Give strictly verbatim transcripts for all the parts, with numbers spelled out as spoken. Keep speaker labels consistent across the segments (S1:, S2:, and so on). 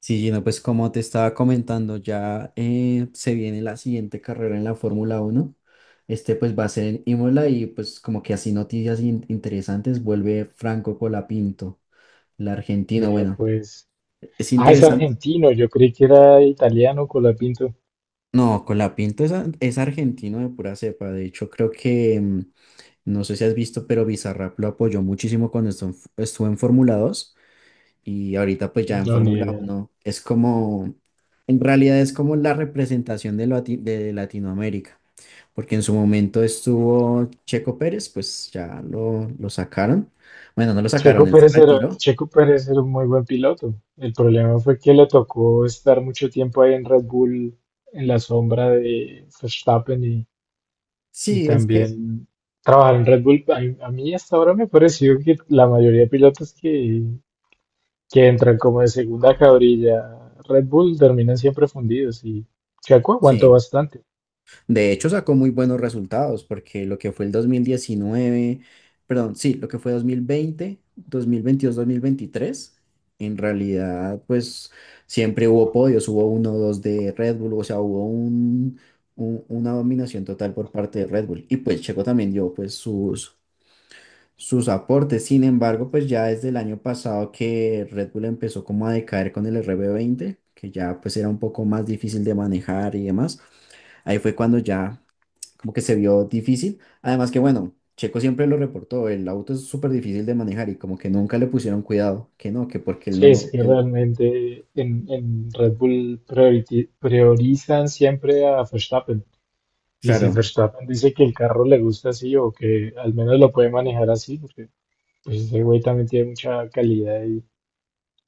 S1: Sí, Gino, pues como te estaba comentando, ya eh, se viene la siguiente carrera en la Fórmula Uno. Este pues va a ser en Imola y pues como que así noticias in- interesantes. Vuelve Franco Colapinto, el argentino.
S2: Vea,
S1: Bueno,
S2: pues.
S1: es
S2: Ah, es
S1: interesante.
S2: argentino. Yo creí que era italiano, Colapinto.
S1: No, Colapinto es, a- es argentino de pura cepa. De hecho, creo que, mm, no sé si has visto, pero Bizarrap lo apoyó muchísimo cuando estuvo en, estuvo en Fórmula dos. Y ahorita pues ya en
S2: No, ni
S1: Fórmula
S2: idea.
S1: Uno es como, en realidad es como la representación de, Lati- de Latinoamérica, porque en su momento estuvo Checo Pérez, pues ya lo, lo sacaron. Bueno, no lo
S2: Checo
S1: sacaron, él se
S2: Pérez era,
S1: retiró.
S2: Checo Pérez era un muy buen piloto. El problema fue que le tocó estar mucho tiempo ahí en Red Bull, en la sombra de Verstappen y, y
S1: Sí, es que,
S2: también trabajar en Red Bull. A, a mí hasta ahora me ha parecido que la mayoría de pilotos que, que entran como de segunda cabrilla a Red Bull terminan siempre fundidos y Checo aguantó
S1: sí.
S2: bastante.
S1: De hecho, sacó muy buenos resultados porque lo que fue el dos mil diecinueve, perdón, sí, lo que fue dos dos mil mil veinte, dos mil veintidós, dos mil veintitrés, en realidad, pues siempre hubo podios, hubo uno o dos de Red Bull. O sea, hubo un, un- una dominación total por parte de Red Bull. Y pues Checo también dio pues sus, sus aportes. Sin embargo, pues ya desde el año pasado que Red Bull empezó como a decaer con el R B veinte, que ya pues era un poco más difícil de manejar y demás. Ahí fue cuando ya como que se vio difícil. Además que, bueno, Checo siempre lo reportó, el auto es súper difícil de manejar y como que nunca le pusieron cuidado, que no, que porque él no
S2: Sí,
S1: lo...
S2: sí,
S1: que-
S2: realmente en, en Red Bull prioriti- priorizan siempre a Verstappen. Y si
S1: Claro,
S2: Verstappen dice que el carro le gusta así o que al menos lo puede manejar así, porque pues, ese güey también tiene mucha calidad y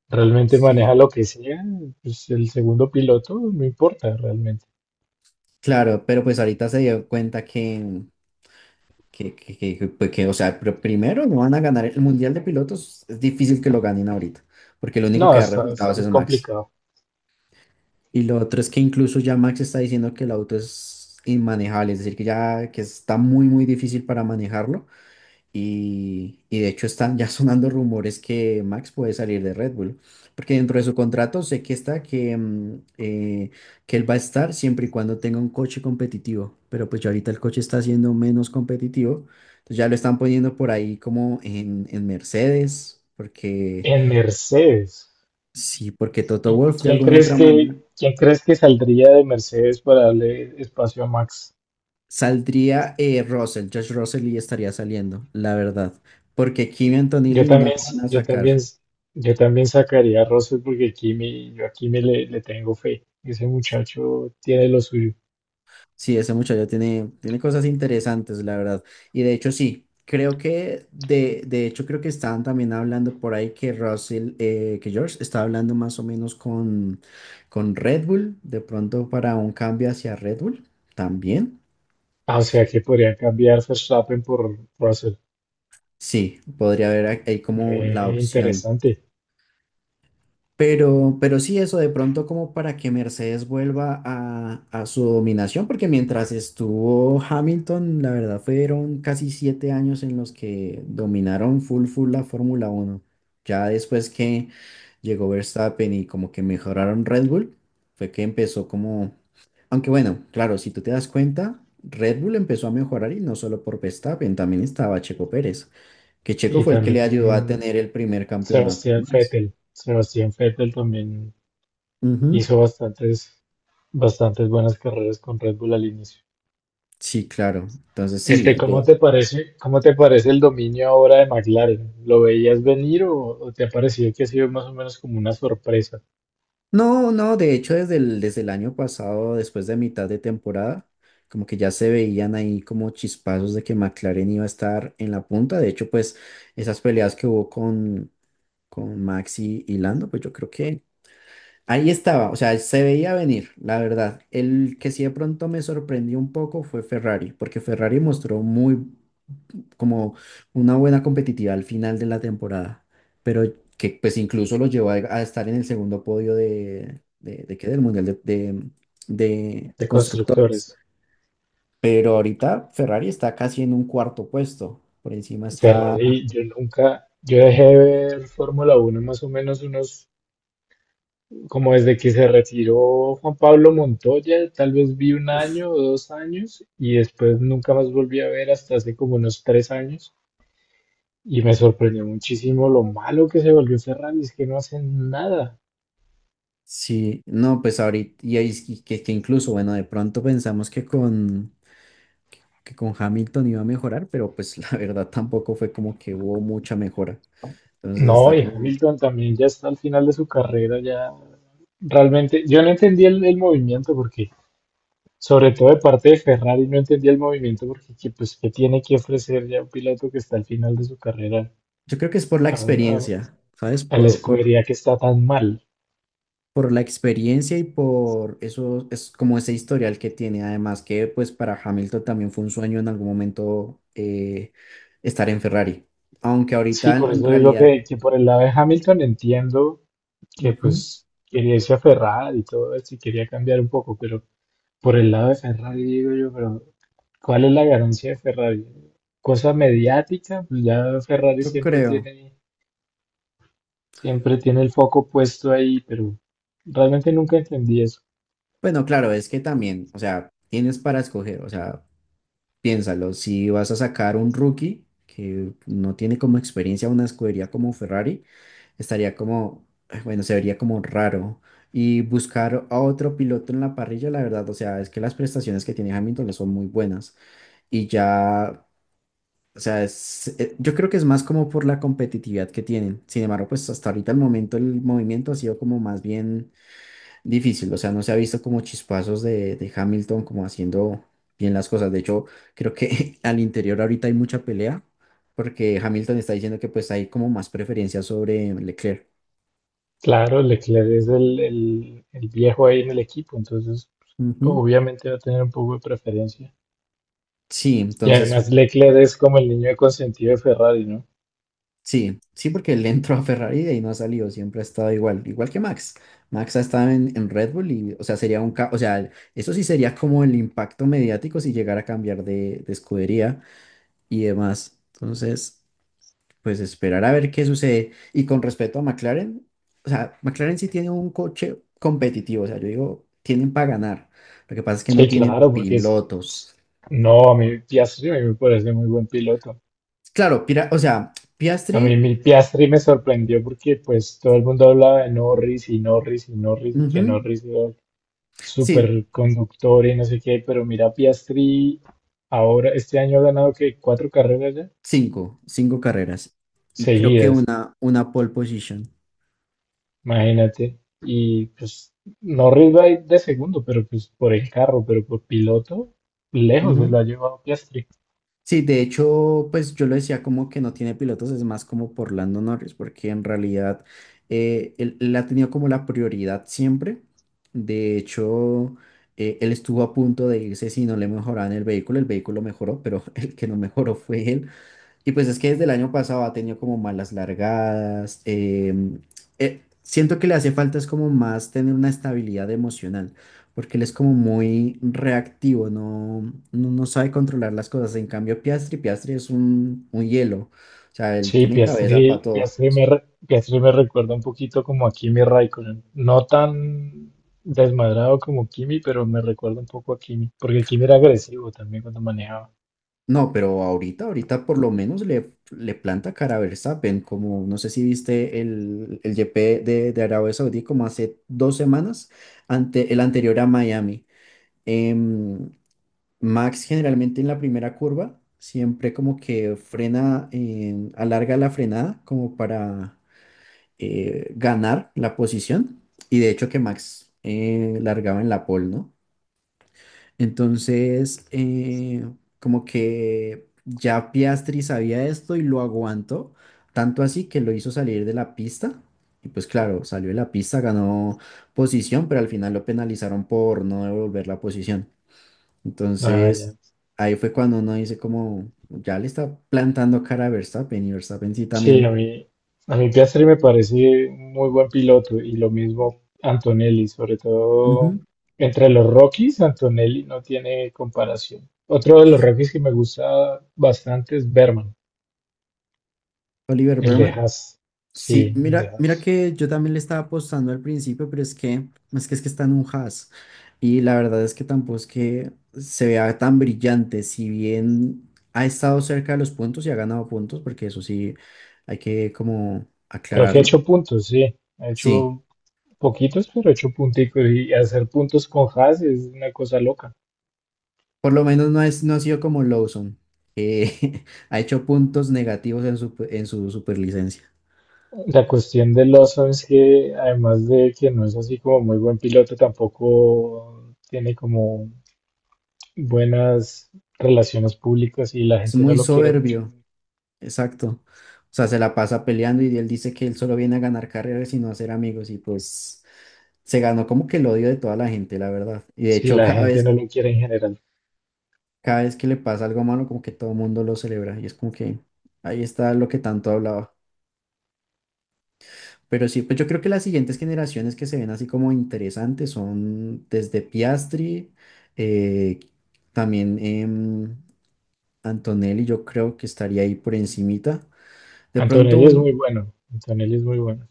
S2: realmente
S1: sí,
S2: maneja lo que sea, pues el segundo piloto no importa realmente.
S1: claro, pero pues ahorita se dio cuenta que, que, que, que, que, pues que, o sea, pr- primero no van a ganar el Mundial de Pilotos, es difícil que lo ganen ahorita, porque el único
S2: No,
S1: que da
S2: está, está
S1: resultados
S2: muy
S1: es Max.
S2: complicado.
S1: Y lo otro es que incluso ya Max está diciendo que el auto es inmanejable, es decir, que ya que está muy, muy difícil para manejarlo. Y, y de hecho están ya sonando rumores que Max puede salir de Red Bull, porque dentro de su contrato sé que está que, mm, eh, que él va a estar siempre y cuando tenga un coche competitivo, pero pues ya ahorita el coche está siendo menos competitivo, entonces ya lo están poniendo por ahí como en, en, Mercedes, porque
S2: En Mercedes.
S1: sí, porque Toto
S2: ¿Y
S1: Wolff de
S2: quién
S1: alguna
S2: crees
S1: otra manera
S2: que, quién crees que saldría de Mercedes para darle espacio a Max?
S1: saldría eh, Russell, George Russell, y estaría saliendo, la verdad, porque Kimi
S2: Yo
S1: Antonelli no lo
S2: también,
S1: van
S2: s-
S1: a
S2: yo también,
S1: sacar.
S2: s- yo también sacaría a Russell porque Kimi, yo a Kimi le, le tengo fe. Ese muchacho tiene lo suyo.
S1: Sí, ese muchacho tiene, tiene cosas interesantes, la verdad. Y de hecho, sí, creo que, de, de hecho, creo que estaban también hablando por ahí que Russell, eh, que George estaba hablando más o menos con, con Red Bull, de pronto para un cambio hacia Red Bull también.
S2: Ah, o sea que podrían cambiar Verstappen por Russell.
S1: Sí, podría haber ahí como la
S2: Eh,
S1: opción.
S2: interesante.
S1: Pero, pero sí, eso de pronto como para que Mercedes vuelva a, a su dominación, porque mientras estuvo Hamilton, la verdad fueron casi siete años en los que dominaron full full la Fórmula Uno. Ya después que llegó Verstappen y como que mejoraron Red Bull, fue que empezó como... Aunque bueno, claro, si tú te das cuenta, Red Bull empezó a mejorar y no solo por Verstappen, también estaba Checo Pérez, que Checo
S2: Y
S1: fue el que le
S2: también
S1: ayudó a
S2: mm,
S1: tener el primer campeonato a
S2: Sebastián
S1: Max.
S2: Vettel. Sebastián Vettel también
S1: Ujú.
S2: hizo bastantes, bastantes buenas carreras con Red Bull al inicio.
S1: Sí, claro. Entonces
S2: Este,
S1: sí. de-
S2: ¿cómo te parece, cómo te parece el dominio ahora de McLaren? ¿Lo veías venir, o, o te ha parecido que ha sido más o menos como una sorpresa?
S1: No, no, de hecho desde el, desde el, año pasado, después de mitad de temporada, como que ya se veían ahí como chispazos de que McLaren iba a estar en la punta. De hecho, pues esas peleas que hubo con, con, Max y, y Lando, pues yo creo que ahí estaba, o sea, se veía venir, la verdad. El que sí de pronto me sorprendió un poco fue Ferrari, porque Ferrari mostró muy como una buena competitividad al final de la temporada, pero que pues incluso lo llevó a, a estar en el segundo podio de, de, de qué, del Mundial de, de, de- de
S2: De
S1: Constructores.
S2: constructores.
S1: Pero ahorita Ferrari está casi en un cuarto puesto. Por encima está...
S2: Ferrari, yo nunca, yo dejé de ver Fórmula Uno más o menos unos, como desde que se retiró Juan Pablo Montoya, tal vez vi un año o dos años y después nunca más volví a ver hasta hace como unos tres años y me sorprendió muchísimo lo malo que se volvió Ferrari, es que no hacen nada.
S1: Sí, no, pues ahorita, y ahí es que, que- que incluso, bueno, de pronto pensamos que con, que con Hamilton iba a mejorar, pero pues la verdad tampoco fue como que hubo mucha mejora. Entonces
S2: No,
S1: está
S2: y
S1: como,
S2: Hamilton también ya está al final de su carrera, ya realmente, yo no entendí el, el movimiento porque sobre todo de parte de Ferrari, no entendía el movimiento porque que, pues, ¿qué tiene que ofrecer ya un piloto que está al final de su carrera
S1: yo creo que es por la
S2: a, un- a-
S1: experiencia, ¿sabes?
S2: a la
S1: Por, por-
S2: escudería que está tan mal?
S1: por la experiencia, y por eso es como ese historial que tiene. Además que pues para Hamilton también fue un sueño en algún momento eh, estar en Ferrari. Aunque
S2: Sí,
S1: ahorita en
S2: por
S1: en
S2: eso digo
S1: realidad,
S2: que, que por el lado de Hamilton entiendo que
S1: ujú,
S2: pues quería irse a Ferrari y todo esto y quería cambiar un poco, pero por el lado de Ferrari digo yo, pero ¿cuál es la ganancia de Ferrari? Cosa mediática, pues ya Ferrari
S1: yo
S2: siempre
S1: creo.
S2: tiene, siempre tiene el foco puesto ahí, pero realmente nunca entendí eso.
S1: Bueno, claro, es que también, o sea, tienes para escoger. O sea, piénsalo, si vas a sacar un rookie que no tiene como experiencia una escudería como Ferrari. Estaría como, ay, bueno, se vería como raro. Y buscar a otro piloto en la parrilla, la verdad, o sea, es que las prestaciones que tiene Hamilton son muy buenas. Y ya, o sea, es- eh, yo creo que es más como por la competitividad que tienen. Sin embargo, pues hasta ahorita el momento, el movimiento ha sido como más bien difícil. O sea, no se ha visto como chispazos de, de Hamilton como haciendo bien las cosas. De hecho, creo que al interior ahorita hay mucha pelea porque Hamilton está diciendo que pues hay como más preferencia sobre Leclerc.
S2: Claro, Leclerc es el, el- el viejo ahí en el equipo, entonces
S1: Ujú.
S2: obviamente va a tener un poco de preferencia.
S1: Sí,
S2: Y
S1: entonces,
S2: además Leclerc es como el niño consentido de Ferrari, ¿no?
S1: sí, sí, porque él entró a Ferrari y de ahí no ha salido, siempre ha estado igual, igual que Max. Max ha estado en, en, Red Bull y, o sea, sería un, ca- o sea, eso sí sería como el impacto mediático si llegara a cambiar de, de escudería y demás. Entonces, pues esperar a ver qué sucede. Y con respecto a McLaren, o sea, McLaren sí tiene un coche competitivo, o sea, yo digo, tienen para ganar. Lo que pasa es que no
S2: Sí,
S1: tienen
S2: claro, porque es, es-
S1: pilotos.
S2: no, a mí Piastri a mí me parece muy buen piloto.
S1: Claro, Pira- o sea,
S2: A mí
S1: Piastri,
S2: mi Piastri me sorprendió porque pues todo el mundo hablaba de Norris y Norris y Norris y que
S1: ujú.
S2: Norris era el
S1: Sí,
S2: superconductor y no sé qué, pero mira Piastri ahora este año ha ganado que cuatro carreras ya
S1: cinco, cinco carreras. Y creo que
S2: seguidas.
S1: una, una pole position.
S2: Imagínate. Y pues Norris va de segundo, pero pues por el carro, pero por piloto, lejos se
S1: Ujú.
S2: lo ha llevado Piastri.
S1: Sí, de hecho, pues yo lo decía como que no tiene pilotos, es más como por Lando Norris, porque en realidad eh, él, él ha tenido como la prioridad siempre. De hecho, eh, él estuvo a punto de irse si no le mejoraban el vehículo. El vehículo mejoró, pero el que no mejoró fue él. Y pues es que desde el año pasado ha tenido como malas largadas. Em, eh, siento que le hace falta es como más tener una estabilidad emocional, porque él es como muy reactivo, no, no, no sabe controlar las cosas. En cambio, Piastri, Piastri es un, un hielo. O sea, él
S2: Sí,
S1: tiene cabeza para
S2: Piastri,
S1: todo.
S2: Piastri me, re- Piastri me recuerda un poquito como a Kimi Raikkonen. No tan desmadrado como Kimi, pero me recuerda un poco a Kimi, porque Kimi era agresivo también cuando manejaba.
S1: No, pero ahorita, ahorita, por lo menos le, le planta cara a Verstappen, como no sé si viste el, el G P de, de Arabia Saudí, como hace dos semanas, ante el anterior a Miami. em, Max generalmente en la primera curva siempre como que frena, em, alarga la frenada como para eh, ganar la posición. Y de hecho que Max eh, largaba en la pole, ¿no? Entonces, eh, como que ya Piastri sabía esto y lo aguantó, tanto así que lo hizo salir de la pista. Y pues claro, salió de la pista, ganó posición, pero al final lo penalizaron por no devolver la posición.
S2: Ah, ya.
S1: Entonces, ahí fue cuando uno dice como, ya le está plantando cara a Verstappen, y Verstappen sí
S2: Sí, a
S1: también.
S2: mí, a mí Piastri me parece muy buen piloto y lo mismo Antonelli, sobre todo
S1: Ujú.
S2: entre los Rockies, Antonelli no tiene comparación. Otro de los Rockies que me gusta bastante es Berman,
S1: Oliver
S2: el de
S1: Berman.
S2: Haas.
S1: Sí,
S2: Sí, el de
S1: mira, mira
S2: Haas.
S1: que yo también le estaba apostando al principio, pero es que es que, es que, está en un Haas. Y la verdad es que tampoco es que se vea tan brillante, si bien ha estado cerca de los puntos y ha ganado puntos, porque eso sí hay que como
S2: Creo que ha
S1: aclararlo.
S2: hecho puntos, sí. Ha
S1: Sí.
S2: hecho poquitos, pero ha hecho punticos y hacer puntos con Haas es una cosa loca.
S1: Por lo menos no, es, no ha sido como Lawson, que ha hecho puntos negativos en su, en su superlicencia.
S2: La cuestión de Lawson es que además de que no es así como muy buen piloto, tampoco tiene como buenas relaciones públicas y la
S1: Es
S2: gente no
S1: muy
S2: lo quiere mucho.
S1: soberbio, exacto. O sea, se la pasa peleando y él dice que él solo viene a ganar carreras y no a hacer amigos, y pues se ganó como que el odio de toda la gente, la verdad. Y de
S2: Sí,
S1: hecho,
S2: la
S1: cada
S2: gente no
S1: vez,
S2: lo quiere en general.
S1: cada vez que le pasa algo malo, como que todo el mundo lo celebra y es como que ahí está lo que tanto hablaba. Pero sí, pues yo creo que las siguientes generaciones que se ven así como interesantes son desde Piastri, eh, también em, Antonelli, yo creo que estaría ahí por encimita. De pronto
S2: Antonelli es muy
S1: un,
S2: bueno, Antonelli es muy bueno.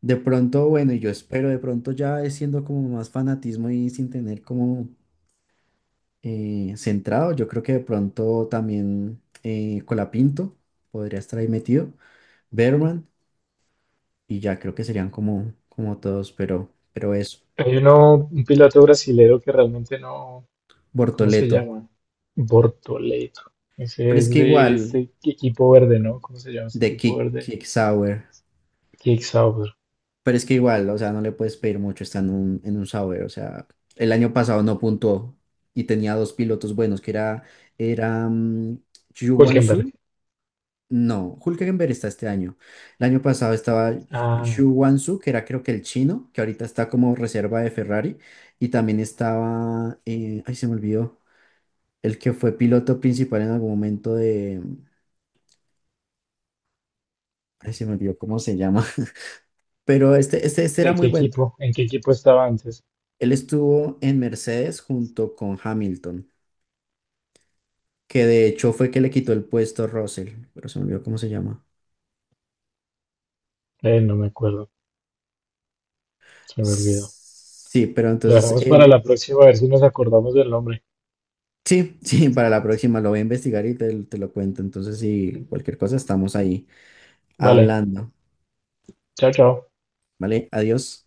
S1: de pronto, bueno, y yo espero, de pronto ya es siendo como más fanatismo y sin tener como eh, centrado, yo creo que de pronto también eh, Colapinto podría estar ahí metido, Berman, y ya creo que serían como, como, todos, pero, pero eso,
S2: Hay uno, un piloto brasilero que realmente no, ¿cómo se
S1: Bortoleto.
S2: llama? Bortoleto.
S1: Pero
S2: Ese
S1: es
S2: es
S1: que
S2: de
S1: igual,
S2: este equipo verde, ¿no? ¿Cómo se llama ese
S1: de
S2: equipo
S1: Kick,
S2: verde?
S1: Kick Sour.
S2: Kickstauber.
S1: Pero es que igual, o sea, no le puedes pedir mucho, está en un, en un Sour. O sea, el año pasado no puntuó y tenía dos pilotos buenos, que era, era mm, Xu Guangzhou.
S2: Hülkenberg.
S1: No, Hülkenberg está este año. El año pasado estaba
S2: Ah,
S1: Xu Guangzhou, que era creo que el chino, que ahorita está como reserva de Ferrari. Y también estaba, eh, ay, se me olvidó, el que fue piloto principal en algún momento de, ay, se me olvidó cómo se llama. Pero este, este, este era
S2: ¿de
S1: muy
S2: qué
S1: bueno.
S2: equipo? ¿En qué equipo estaba antes?
S1: Él estuvo en Mercedes junto con Hamilton, que de hecho fue que le quitó el puesto a Russell, pero se me olvidó cómo se llama.
S2: Eh, no me acuerdo, se me olvidó.
S1: Sí, pero
S2: Lo
S1: entonces
S2: dejamos para la
S1: él,
S2: próxima, a ver si nos acordamos del nombre.
S1: sí, sí, para la próxima lo voy a investigar y te, te lo cuento. Entonces, si cualquier cosa, estamos ahí
S2: Vale,
S1: hablando.
S2: chao, chao.
S1: ¿Vale? Adiós.